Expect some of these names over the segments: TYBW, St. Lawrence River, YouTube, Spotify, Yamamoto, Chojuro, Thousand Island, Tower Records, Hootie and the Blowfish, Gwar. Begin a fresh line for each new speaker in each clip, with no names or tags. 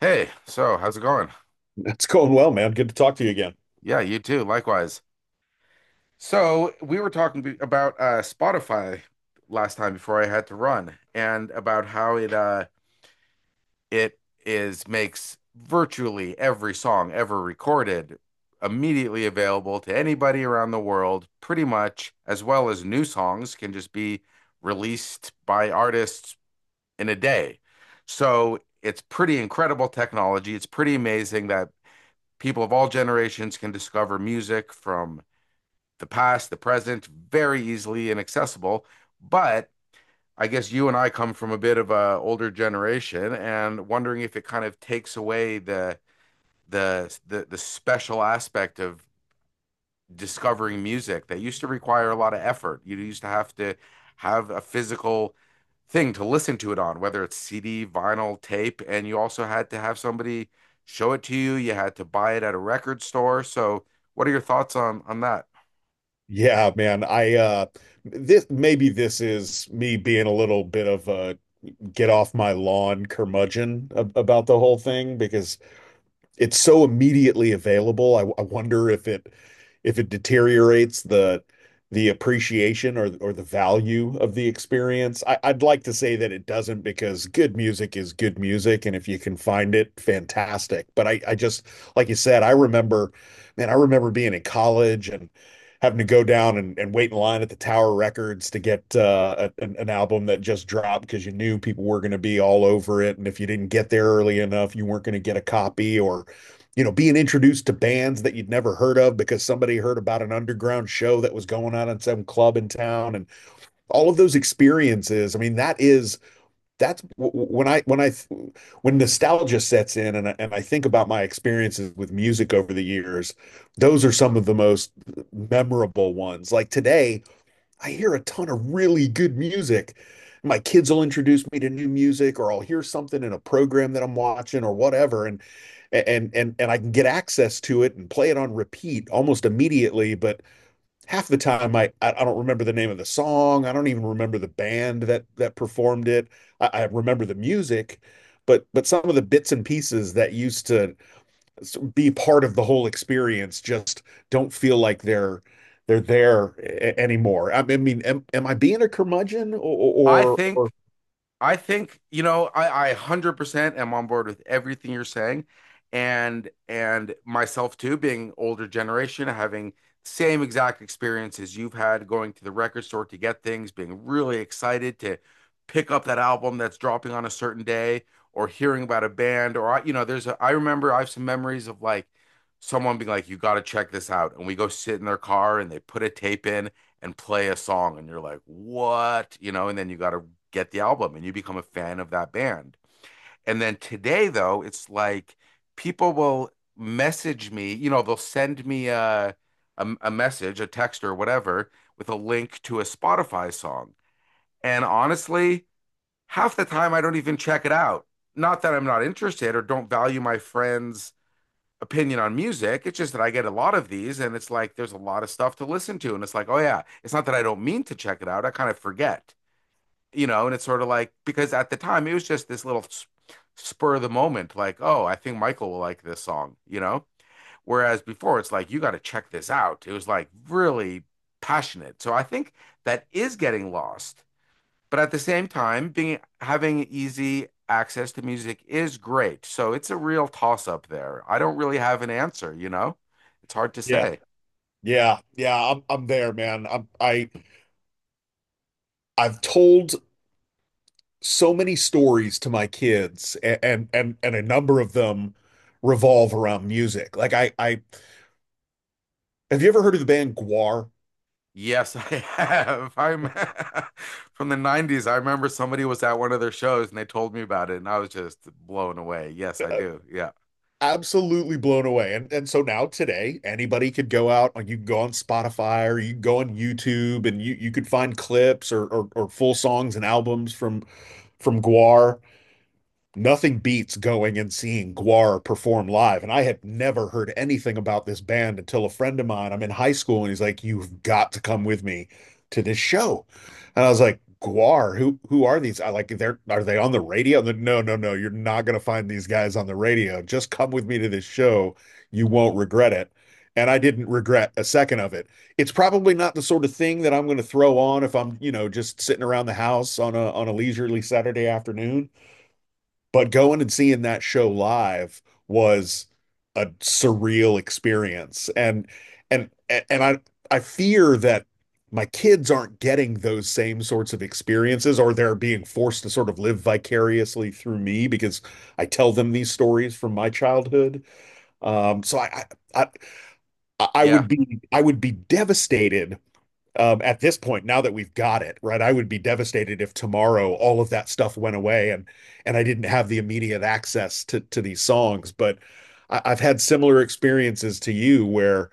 Hey, so how's it going?
It's going well, man. Good to talk to you again.
Yeah, you too, likewise. So, we were talking about Spotify last time before I had to run, and about how it it is makes virtually every song ever recorded immediately available to anybody around the world, pretty much, as well as new songs can just be released by artists in a day. So, it's pretty incredible technology. It's pretty amazing that people of all generations can discover music from the past, the present, very easily and accessible. But I guess you and I come from a bit of an older generation, and wondering if it kind of takes away the special aspect of discovering music that used to require a lot of effort. You used to have a physical thing to listen to it on, whether it's CD, vinyl, tape, and you also had to have somebody show it to you. You had to buy it at a record store. So, what are your thoughts on that?
Yeah, man. I this maybe this is me being a little bit of a get off my lawn curmudgeon about the whole thing because it's so immediately available. I wonder if it deteriorates the appreciation or the value of the experience. I'd like to say that it doesn't because good music is good music, and if you can find it, fantastic. But I just like you said, I remember, man, I remember being in college and having to go down and wait in line at the Tower Records to get an album that just dropped because you knew people were going to be all over it, and if you didn't get there early enough, you weren't going to get a copy or you know, being introduced to bands that you'd never heard of because somebody heard about an underground show that was going on at some club in town and all of those experiences. I mean, that's when I when I when nostalgia sets in and I think about my experiences with music over the years, those are some of the most memorable ones. Like today, I hear a ton of really good music. My kids will introduce me to new music, or I'll hear something in a program that I'm watching or whatever, and I can get access to it and play it on repeat almost immediately. But half the time, I don't remember the name of the song. I don't even remember the band that performed it. I remember the music, but some of the bits and pieces that used to be part of the whole experience, just don't feel like they're there anymore. I mean, am I being a curmudgeon
I
or
think I think, you know, I 100% am on board with everything you're saying, and myself too, being older generation, having same exact experiences you've had, going to the record store to get things, being really excited to pick up that album that's dropping on a certain day, or hearing about a band. Or, I, you know, there's a, I remember I have some memories of like someone being like, you got to check this out. And we go sit in their car and they put a tape in and play a song and you're like, what? You know, and then you got to get the album and you become a fan of that band. And then today, though, it's like people will message me, you know, they'll send me a message, a text or whatever, with a link to a Spotify song. And honestly, half the time I don't even check it out. Not that I'm not interested or don't value my friends' opinion on music. It's just that I get a lot of these, and it's like there's a lot of stuff to listen to. And it's like, oh yeah, it's not that I don't mean to check it out. I kind of forget, you know, and it's sort of like because at the time it was just this little spur of the moment, like, oh, I think Michael will like this song, you know? Whereas before it's like, you got to check this out. It was like really passionate. So I think that is getting lost. But at the same time, being having easy access to music is great. So it's a real toss up there. I don't really have an answer, you know? It's hard to
yeah,
say.
yeah, yeah, I'm there, man. I I've told so many stories to my kids and a number of them revolve around music. Like I have you ever heard of the band Gwar?
Yes, I have. I'm from the 90s. I remember somebody was at one of their shows and they told me about it and I was just blown away. Yes, I do. Yeah.
Absolutely blown away. And so now today, anybody could go out, like you can go on Spotify or you can go on YouTube and you could find clips or or full songs and albums from Guar. Nothing beats going and seeing Guar perform live. And I had never heard anything about this band until a friend of mine, I'm in high school, and he's like, "You've got to come with me to this show." And I was like, "Guar, who are these?" I like they're are they on the radio? And no, no, no, you're not gonna find these guys on the radio. Just come with me to this show. You won't regret it. And I didn't regret a second of it. It's probably not the sort of thing that I'm gonna throw on if I'm, you know, just sitting around the house on a leisurely Saturday afternoon, but going and seeing that show live was a surreal experience. And I fear that my kids aren't getting those same sorts of experiences, or they're being forced to sort of live vicariously through me because I tell them these stories from my childhood. Um, so I, I I I
Yeah.
would be I would be devastated at this point, now that we've got it, right? I would be devastated if tomorrow all of that stuff went away and I didn't have the immediate access to these songs. But I've had similar experiences to you where,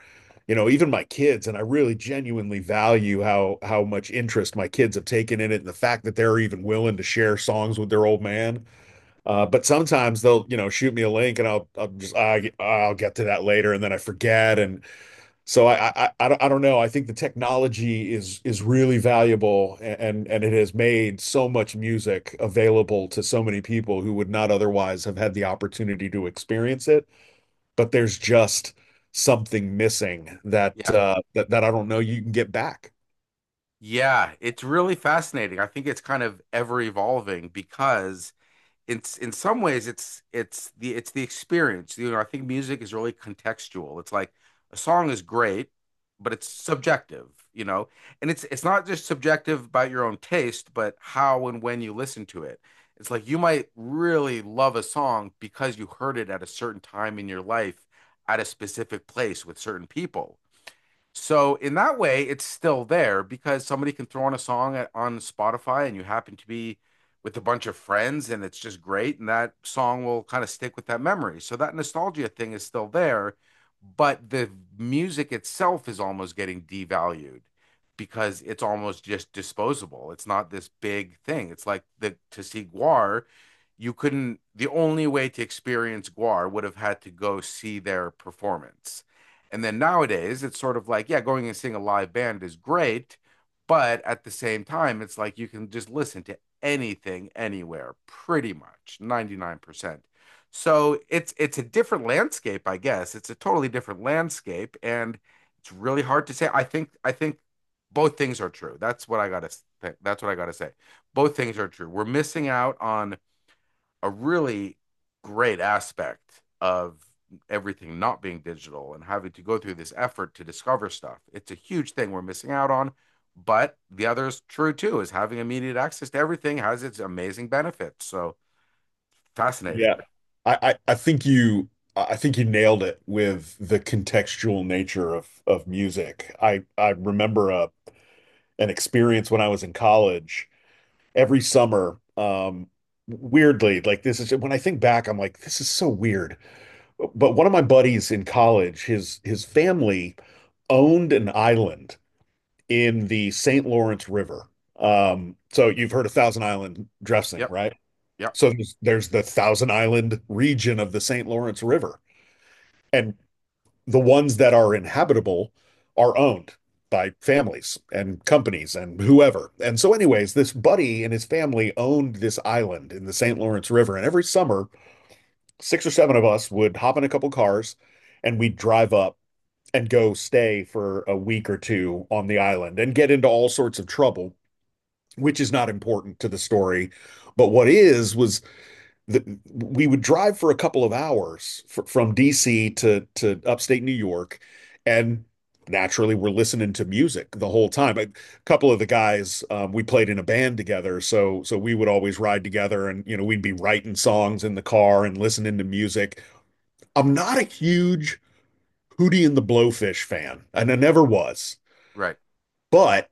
you know, even my kids, and I really genuinely value how much interest my kids have taken in it and the fact that they're even willing to share songs with their old man. But sometimes they'll, you know, shoot me a link and I'll get to that later and then I forget. And so I don't I don't know. I think the technology is really valuable and it has made so much music available to so many people who would not otherwise have had the opportunity to experience it. But there's just something missing that
Yeah.
that I don't know you can get back.
Yeah. It's really fascinating. I think it's kind of ever evolving because it's in some ways it's the experience. You know, I think music is really contextual. It's like a song is great, but it's subjective, you know. And it's not just subjective about your own taste, but how and when you listen to it. It's like you might really love a song because you heard it at a certain time in your life, at a specific place with certain people. So in that way, it's still there because somebody can throw on a song at, on Spotify, and you happen to be with a bunch of friends and it's just great. And that song will kind of stick with that memory. So that nostalgia thing is still there, but the music itself is almost getting devalued because it's almost just disposable. It's not this big thing. It's like, the to see Guar, you couldn't, the only way to experience Guar would have had to go see their performance. And then nowadays, it's sort of like, yeah, going and seeing a live band is great, but at the same time, it's like you can just listen to anything anywhere, pretty much 99%. So it's a different landscape, I guess. It's a totally different landscape, and it's really hard to say. I think both things are true. That's what I gotta say. Both things are true. We're missing out on a really great aspect of everything not being digital and having to go through this effort to discover stuff. It's a huge thing we're missing out on. But the other is true too, is having immediate access to everything has its amazing benefits. So
Yeah.
fascinating.
I think you I think you nailed it with the contextual nature of music. I remember a an experience when I was in college every summer. Weirdly, like this is when I think back, I'm like, this is so weird. But one of my buddies in college, his family owned an island in the St. Lawrence River. So you've heard of Thousand Island dressing,
Yep.
right?
Yep.
So there's the Thousand Island region of the St. Lawrence River. And the ones that are inhabitable are owned by families and companies and whoever. And so, anyways, this buddy and his family owned this island in the St. Lawrence River. And every summer, six or seven of us would hop in a couple cars and we'd drive up and go stay for a week or two on the island and get into all sorts of trouble, which is not important to the story. But what is, was the, we would drive for a couple of hours from D.C. To upstate New York, and naturally, we're listening to music the whole time. A couple of the guys, we played in a band together, so so we would always ride together, and you know, we'd be writing songs in the car and listening to music. I'm not a huge Hootie and the Blowfish fan, and I never was.
Right.
But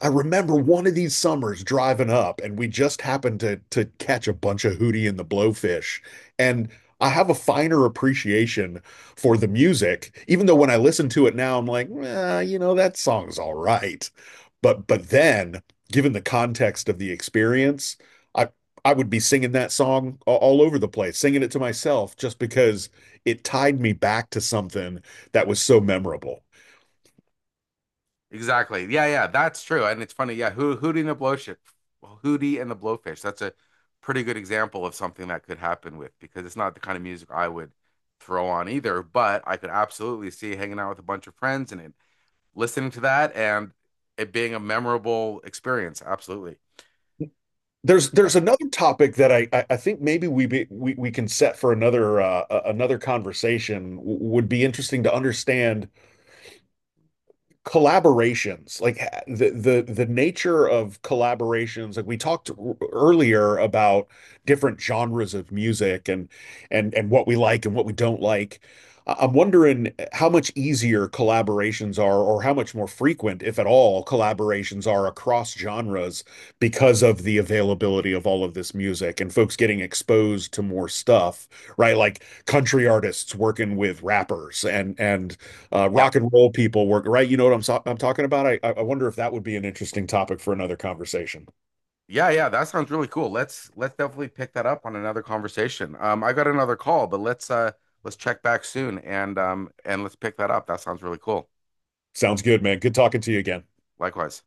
I remember one of these summers driving up, and we just happened to catch a bunch of Hootie and the Blowfish. And I have a finer appreciation for the music, even though when I listen to it now, I'm like, well, you know, that song's all right. But then, given the context of the experience, I I would be singing that song all over the place, singing it to myself, just because it tied me back to something that was so memorable.
Exactly. Yeah, yeah, that's true. And it's funny. Yeah, Ho Hootie and the Blowfish, Hootie and the Blowfish. That's a pretty good example of something that could happen with, because it's not the kind of music I would throw on either, but I could absolutely see hanging out with a bunch of friends and it, listening to that and it being a memorable experience. Absolutely. Yeah.
There's another topic that I think maybe we can set for another another conversation. Would be interesting to understand collaborations like the nature of collaborations like we talked earlier about different genres of music and what we like and what we don't like. I'm wondering how much easier collaborations are or how much more frequent if at all collaborations are across genres because of the availability of all of this music and folks getting exposed to more stuff, right? Like country artists working with rappers and
Yeah.
rock and roll people work, right? You know what I'm I'm talking about? I wonder if that would be an interesting topic for another conversation.
Yeah, yeah, that sounds really cool. Let's definitely pick that up on another conversation. I got another call, but let's let's check back soon and let's pick that up. That sounds really cool.
Sounds good, man. Good talking to you again.
Likewise.